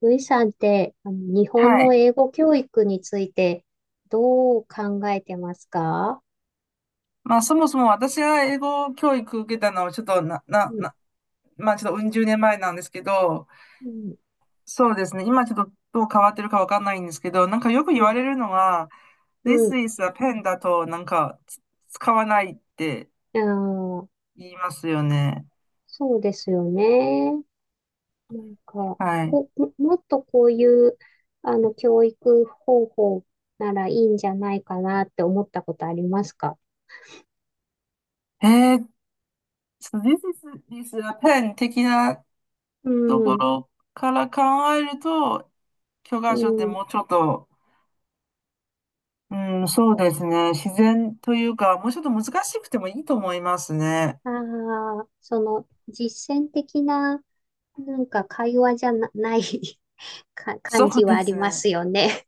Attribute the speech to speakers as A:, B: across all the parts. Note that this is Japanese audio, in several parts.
A: ルイさんって、日本
B: は
A: の
B: い。
A: 英語教育についてどう考えてますか？
B: まあ、そもそも私が英語教育受けたのは、ちょっとな、な、
A: うん、
B: な、まあ、ちょっとうん十年前なんですけど、
A: うん、
B: そうですね。今ちょっとどう変わってるかわかんないんですけど、なんかよく
A: う
B: 言わ
A: ん、
B: れるのは、
A: うん。
B: This is a pen だと、なんか、使わないって
A: あー、
B: 言いますよね。
A: そうですよね。なんか、
B: はい。
A: もっとこういう、教育方法ならいいんじゃないかなって思ったことありますか？
B: えー、so this is, this is a pen 的な
A: う
B: とこ
A: ん、
B: ろから考えると、教
A: う
B: 科書って
A: ん。
B: もうちょっと。うん、そうですね。自然というか、もうちょっと難しくてもいいと思いますね。
A: ああ、その、実践的な、なんか会話じゃな、ない か 感
B: そう
A: じは
B: で
A: あり
B: す
A: ま
B: ね。
A: すよね。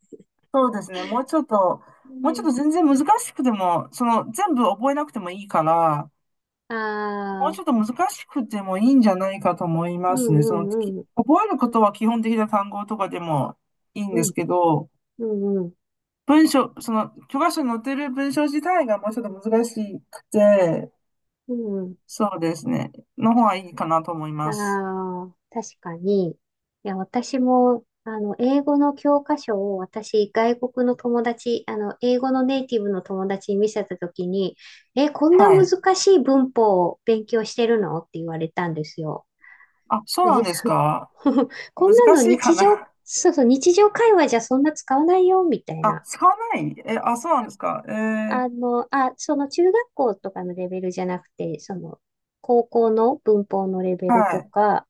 B: そうですね。もうちょっと、
A: う
B: もうちょっ
A: ん。
B: と全然難しくても、その全部覚えなくてもいいから、
A: あ
B: もう
A: あ、
B: ちょっと難しくてもいいんじゃないかと思い
A: う
B: ま
A: ん
B: すね。
A: う
B: その、
A: ん、うん、
B: 覚えることは基本的な単語とかでもいいん
A: う
B: で
A: ん、
B: すけど、
A: うん
B: 文章、その、教科書に載ってる文章自体がもうちょっと難しくて、
A: うん、うん。
B: そうですね。の方がいいかなと思い
A: あ
B: ます。
A: あ、確かに。いや、私も、英語の教科書を私、外国の友達、英語のネイティブの友達に見せたときに、え、こんな
B: はい。
A: 難しい文法を勉強してるのって言われたんですよ。
B: あ、そうな
A: ね、
B: んです
A: そう。
B: か？
A: こんな
B: 難
A: の
B: しいか
A: 日常、
B: な。
A: そうそう、日常会話じゃそんな使わないよ、みた い
B: あ、
A: な。
B: 使わないえ、あ、そうなんですか。
A: その中学校とかのレベルじゃなくて、その、高校の文法のレベル
B: は
A: と
B: い。
A: か、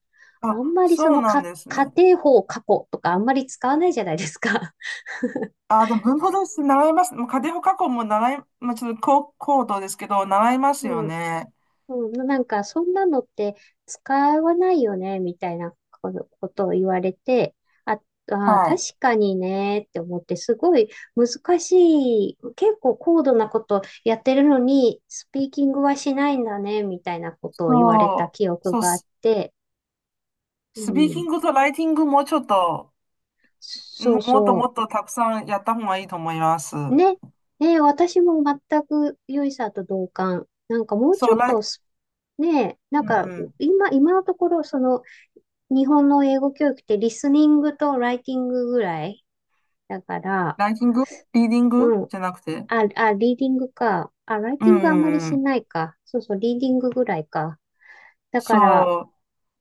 A: あん
B: あ、
A: まりそ
B: そう
A: の、
B: なん
A: か、
B: です
A: 仮
B: ね。
A: 定法過去とかあんまり使わないじゃないですか。
B: あ、でも文法動詞習います。もう仮定法過去も習い、まあ、ちょっと高度ですけど、習いますよ
A: うん。
B: ね。
A: うん、なんか、そんなのって使わないよね、みたいなことを言われて、あ、あー、
B: はい。
A: 確かにね、って思って、すごい難しい、結構高度なことやってるのに、スピーキングはしないんだね、みたいなことを言われた
B: そう、
A: 記憶
B: そう
A: があっ
B: ス、
A: て、う
B: スピーキ
A: ん、
B: ングとライティングもちょっと、
A: そう
B: もっとも
A: そ
B: っとたくさんやった方がいいと思います。
A: う。ね、ね、私も全く良いさんと同感。なんかもう
B: そ
A: ちょ
B: う、
A: っとスねえ、なん
B: う
A: か、
B: ん、
A: 今のところ、その、日本の英語教育ってリスニングとライティングぐらいだから、
B: ライティング、リーディン
A: う
B: グ
A: ん。
B: じゃなくて。
A: リーディングか。あ、ライ
B: う
A: ティングあんまりし
B: ん、
A: ないか。そうそう、リーディングぐらいか。だか
B: そ
A: ら、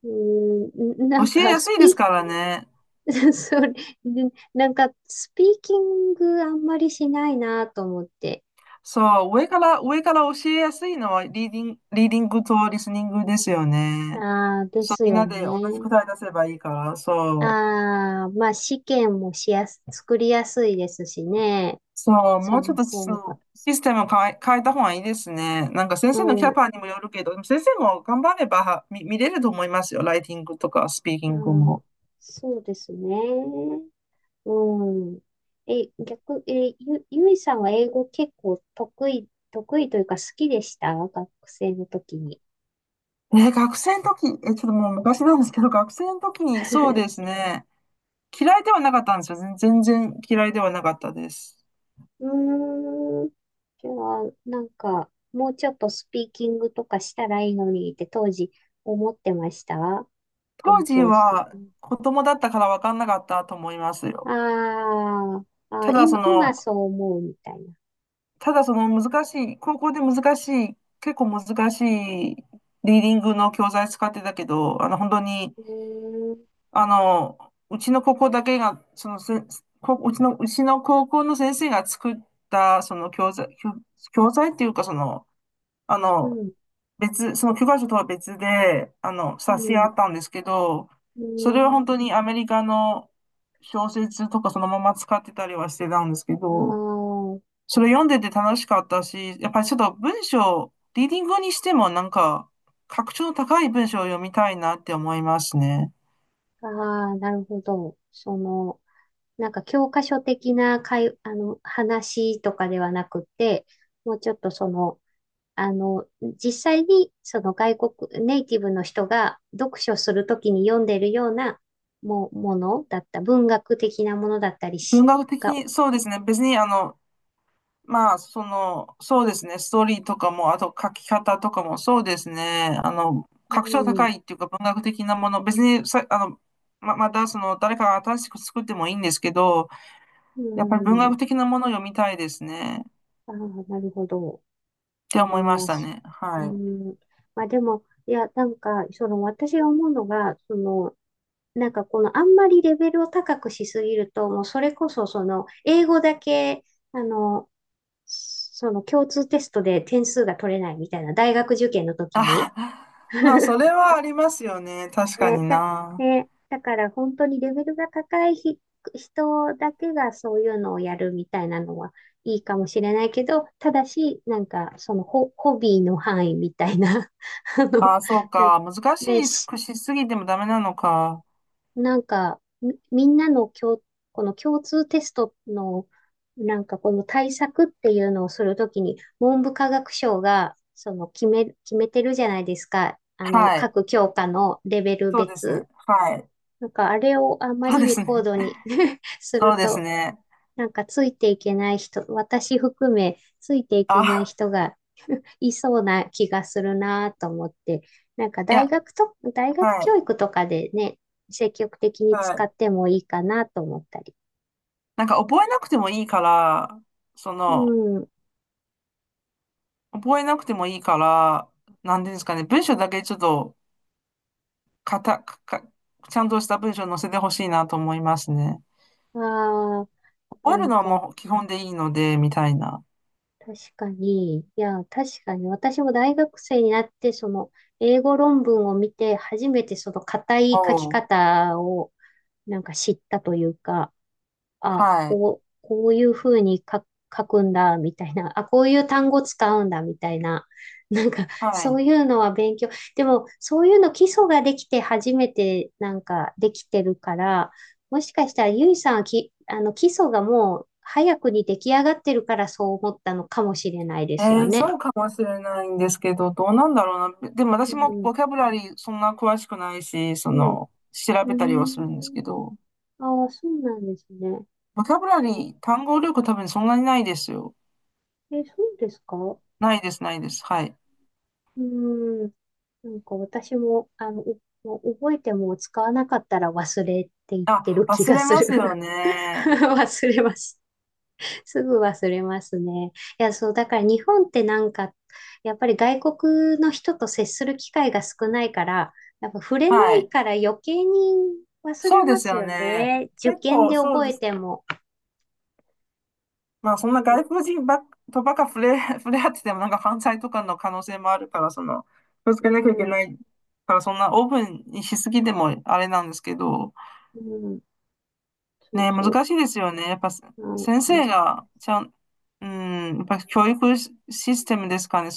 A: うーん、
B: う、教えやすいですからね。
A: それ、でなんか、スピーキングあんまりしないなと思って。
B: そう、上から教えやすいのはリーディングとリスニングですよね。
A: ああ、で
B: そう、
A: す
B: みん
A: よ
B: なで同じ
A: ね。
B: 答え出せばいいから、そう。
A: ああ、まあ、試験もしやす、作りやすいですしね。
B: そう、
A: そ
B: もうちょ
A: の
B: っとそ
A: 方が。
B: のシステムを変えた方がいいですね。なんか先
A: う
B: 生のキャ
A: ん。
B: パにもよるけど、でも先生も頑張れば見れると思いますよ。ライティングとかスピーキ
A: あ
B: ング
A: ー、
B: も。
A: そうですね。うん。え、逆、え、ゆ、ゆいさんは英語結構得意というか好きでした学生の時に？
B: え、学生の時、え、ちょっともう昔なんですけど、学生の時にそうです ね。嫌いではなかったんですよ。全然嫌いではなかったです。
A: うーん。じゃあ、なんか、もうちょっとスピーキングとかしたらいいのにって当時思ってました
B: 当
A: 勉
B: 時
A: 強してて。
B: は子供だったから分かんなかったと思います
A: あ
B: よ。
A: ー、あ
B: た
A: ー、
B: だそ
A: 今
B: の、
A: そう思うみたいな。
B: ただその難しい、高校で難しい、結構難しいリーディングの教材使ってたけど、本当に、
A: うーん、
B: あの、うちの高校だけが、そのせ、こうちの、うちの高校の先生が作った、教材っていうか、あ
A: う
B: の、
A: ん、
B: その教科書とは別で、
A: う
B: 冊子が
A: ん、
B: あったんですけど、
A: う
B: それは本
A: ん。
B: 当にアメリカの小説とかそのまま使ってたりはしてたんですけ
A: あ
B: ど、
A: あ、
B: それ読んでて楽しかったし、やっぱりちょっと文章、リーディングにしてもなんか、格調の高い文章を読みたいなって思いますね。
A: ああ、なるほど。その、なんか教科書的な会、あの、話とかではなくて、もうちょっとその、あの、実際にその外国、ネイティブの人が読書するときに読んでるようなものだった、文学的なものだったり
B: 文
A: し、
B: 学的
A: が、
B: に、そうですね。別にまあ、そうですね、ストーリーとかも、あと書き方とかも、そうですね、
A: う
B: 格調
A: ん、
B: 高いっていうか文学的なもの、別にさ、また誰かが新しく作ってもいいんですけど、
A: う
B: やっぱり文学
A: ん、
B: 的なものを読みたいですね、っ
A: ああ、なるほど。
B: て思いま
A: ま
B: し
A: あ、
B: た
A: そ
B: ね。
A: う
B: はい。
A: ん、まあでも、いや、なんか、その私が思うのが、その、なんかこのあんまりレベルを高くしすぎると、もうそれこそその英語だけ、あの、その共通テストで点数が取れないみたいな大学受験の時に。
B: あ、まあ、それ はありますよね、確か
A: ね、
B: に
A: だ、
B: な。
A: ね、だから本当にレベルが高いひ人だけがそういうのをやるみたいなのはいいかもしれないけど、ただし、ホビーの範囲みたいな、あの、
B: あ、そう
A: なんか
B: か、難し
A: ね、
B: い
A: し、
B: くしすぎてもダメなのか。
A: なんか、み、みんなの共、この共通テストの、なんかこの対策っていうのをするときに、文部科学省が、その決めてるじゃないですか。あの、
B: はい。
A: 各教科のレベル
B: そうです
A: 別。
B: ね。はい。
A: なんかあれをあま
B: そう
A: り
B: です
A: に高
B: ね。
A: 度に す
B: そう
A: る
B: です
A: と、
B: ね。
A: なんかついていけない人、私含めついていけない
B: あ、
A: 人がいそうな気がするなと思って、
B: いや、
A: 大学
B: は
A: 教
B: い。
A: 育とかでね、積極的に
B: は
A: 使
B: い。
A: ってもいいかなと思ったり。
B: なんか覚えなくてもいいから、そ
A: う
B: の、
A: ん。
B: 覚えなくてもいいから、なんていうんですかね、文章だけちょっと、かた、か、かちゃんとした文章載せてほしいなと思いますね。
A: ああ、
B: 覚
A: な
B: える
A: ん
B: のは
A: か
B: もう基本でいいので、みたいな。
A: 確かに、いや、確かに私も大学生になって、その英語論文を見て、初めてその硬い書き
B: おう。
A: 方をなんか知ったというか、あ、
B: はい。
A: こういうふうに書くんだ、みたいな。あ、こういう単語使うんだ、みたいな。なんか、
B: は
A: そ
B: い。
A: ういうのは勉強。でも、そういうの基礎ができて初めて、なんか、できてるから、もしかしたら、ゆいさんはき、あの、基礎がもう、早くに出来上がってるから、そう思ったのかもしれないですよね。
B: そうかもしれないんですけど、どうなんだろうな。でも
A: う
B: 私も
A: ん、
B: ボキャブラリーそんな詳しくないし、
A: うん、う
B: 調べた
A: ー
B: りはするんですけど、
A: ん。ああ、そうなんですね。
B: ボキャブラ
A: あ、
B: リー、単語力多分そんなにないですよ。
A: え、そうですか？う
B: ないです、ないです。はい。
A: ーん。なんか私も、もう覚えても使わなかったら忘れって言って
B: あ、
A: る気
B: 忘
A: が
B: れ
A: す
B: ま
A: る。
B: すよ ね。
A: 忘れます。すぐ忘れますね。いや、そう、だから日本ってなんか、やっぱり外国の人と接する機会が少ないから、やっぱ触れな
B: は
A: い
B: い。
A: から余計に忘
B: そ
A: れ
B: うで
A: ま
B: す
A: す
B: よ
A: よ
B: ね。
A: ね。受
B: 結
A: 験
B: 構
A: で
B: そう
A: 覚
B: で
A: え
B: す。
A: ても。
B: まあそんな外国人ばっか触れ合っててもなんか犯罪とかの可能性もあるから、気をつ
A: う
B: けなきゃいけ
A: ん、
B: ないから、そんなオープンにしすぎてもあれなんですけど、
A: うん、そう
B: ね、
A: そ
B: 難しいですよね。やっぱ
A: う。
B: 先
A: あ、
B: 生がちゃん、うん、やっぱ教育システムですかね。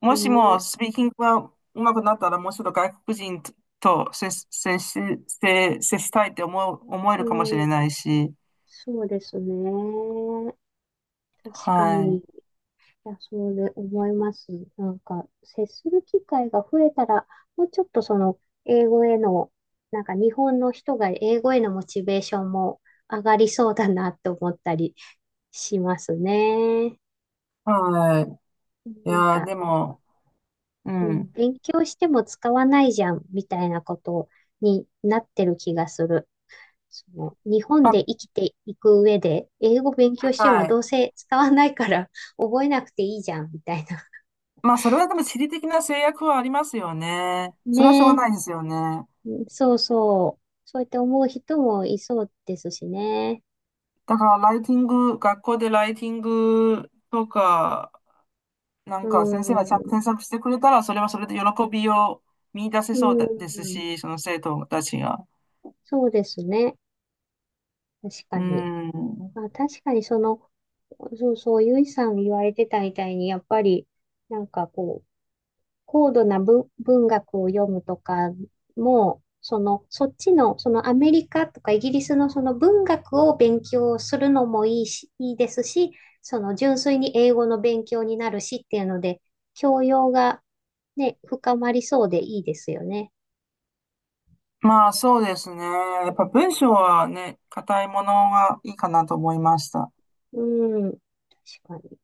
B: もしも
A: ね、
B: スピーキングが上手くなったら、もうちょっと外国人と接したいって思える
A: う
B: かもしれ
A: ん、
B: ないし。
A: そうですね。確か
B: は
A: に。
B: い。
A: いや、そうで思います。なんか、接する機会が増えたら、もうちょっとその、英語への、なんか日本の人が英語へのモチベーションも上がりそうだなって思ったりしますね。
B: はい。い
A: なん
B: やー、
A: か、
B: でも、う
A: うん、
B: ん。
A: 勉強しても使わないじゃん、みたいなことになってる気がする。その、日本
B: まあ、
A: で生きていく上で、英語勉強しても
B: は
A: ど
B: い。
A: うせ使わないから覚えなくていいじゃん、みたいな。
B: まあ、それはでも地理的な制約はありますよね。それはしょ
A: ね
B: うがない
A: え。
B: ですよね。
A: うん、そうそう。そうやって思う人もいそうですしね。
B: だから、ライティング、学校でライティングとか、な
A: う
B: んか先生がちゃんと
A: ん。
B: 添削してくれたら、それはそれで喜びを見出せ
A: う
B: そうだです
A: ん。
B: し、その生徒たちが。
A: そうですね。確か
B: う
A: に。
B: ん。
A: まあ、確かにその、そうそう、ゆいさん言われてたみたいに、やっぱり、なんかこう、高度な文、文学を読むとかも、そのアメリカとかイギリスのその文学を勉強するのもいいし、いいですし、その純粋に英語の勉強になるしっていうので、教養がね、深まりそうでいいですよね。
B: まあそうですね。やっぱ文章はね、硬いものがいいかなと思いました。
A: うん、確かに。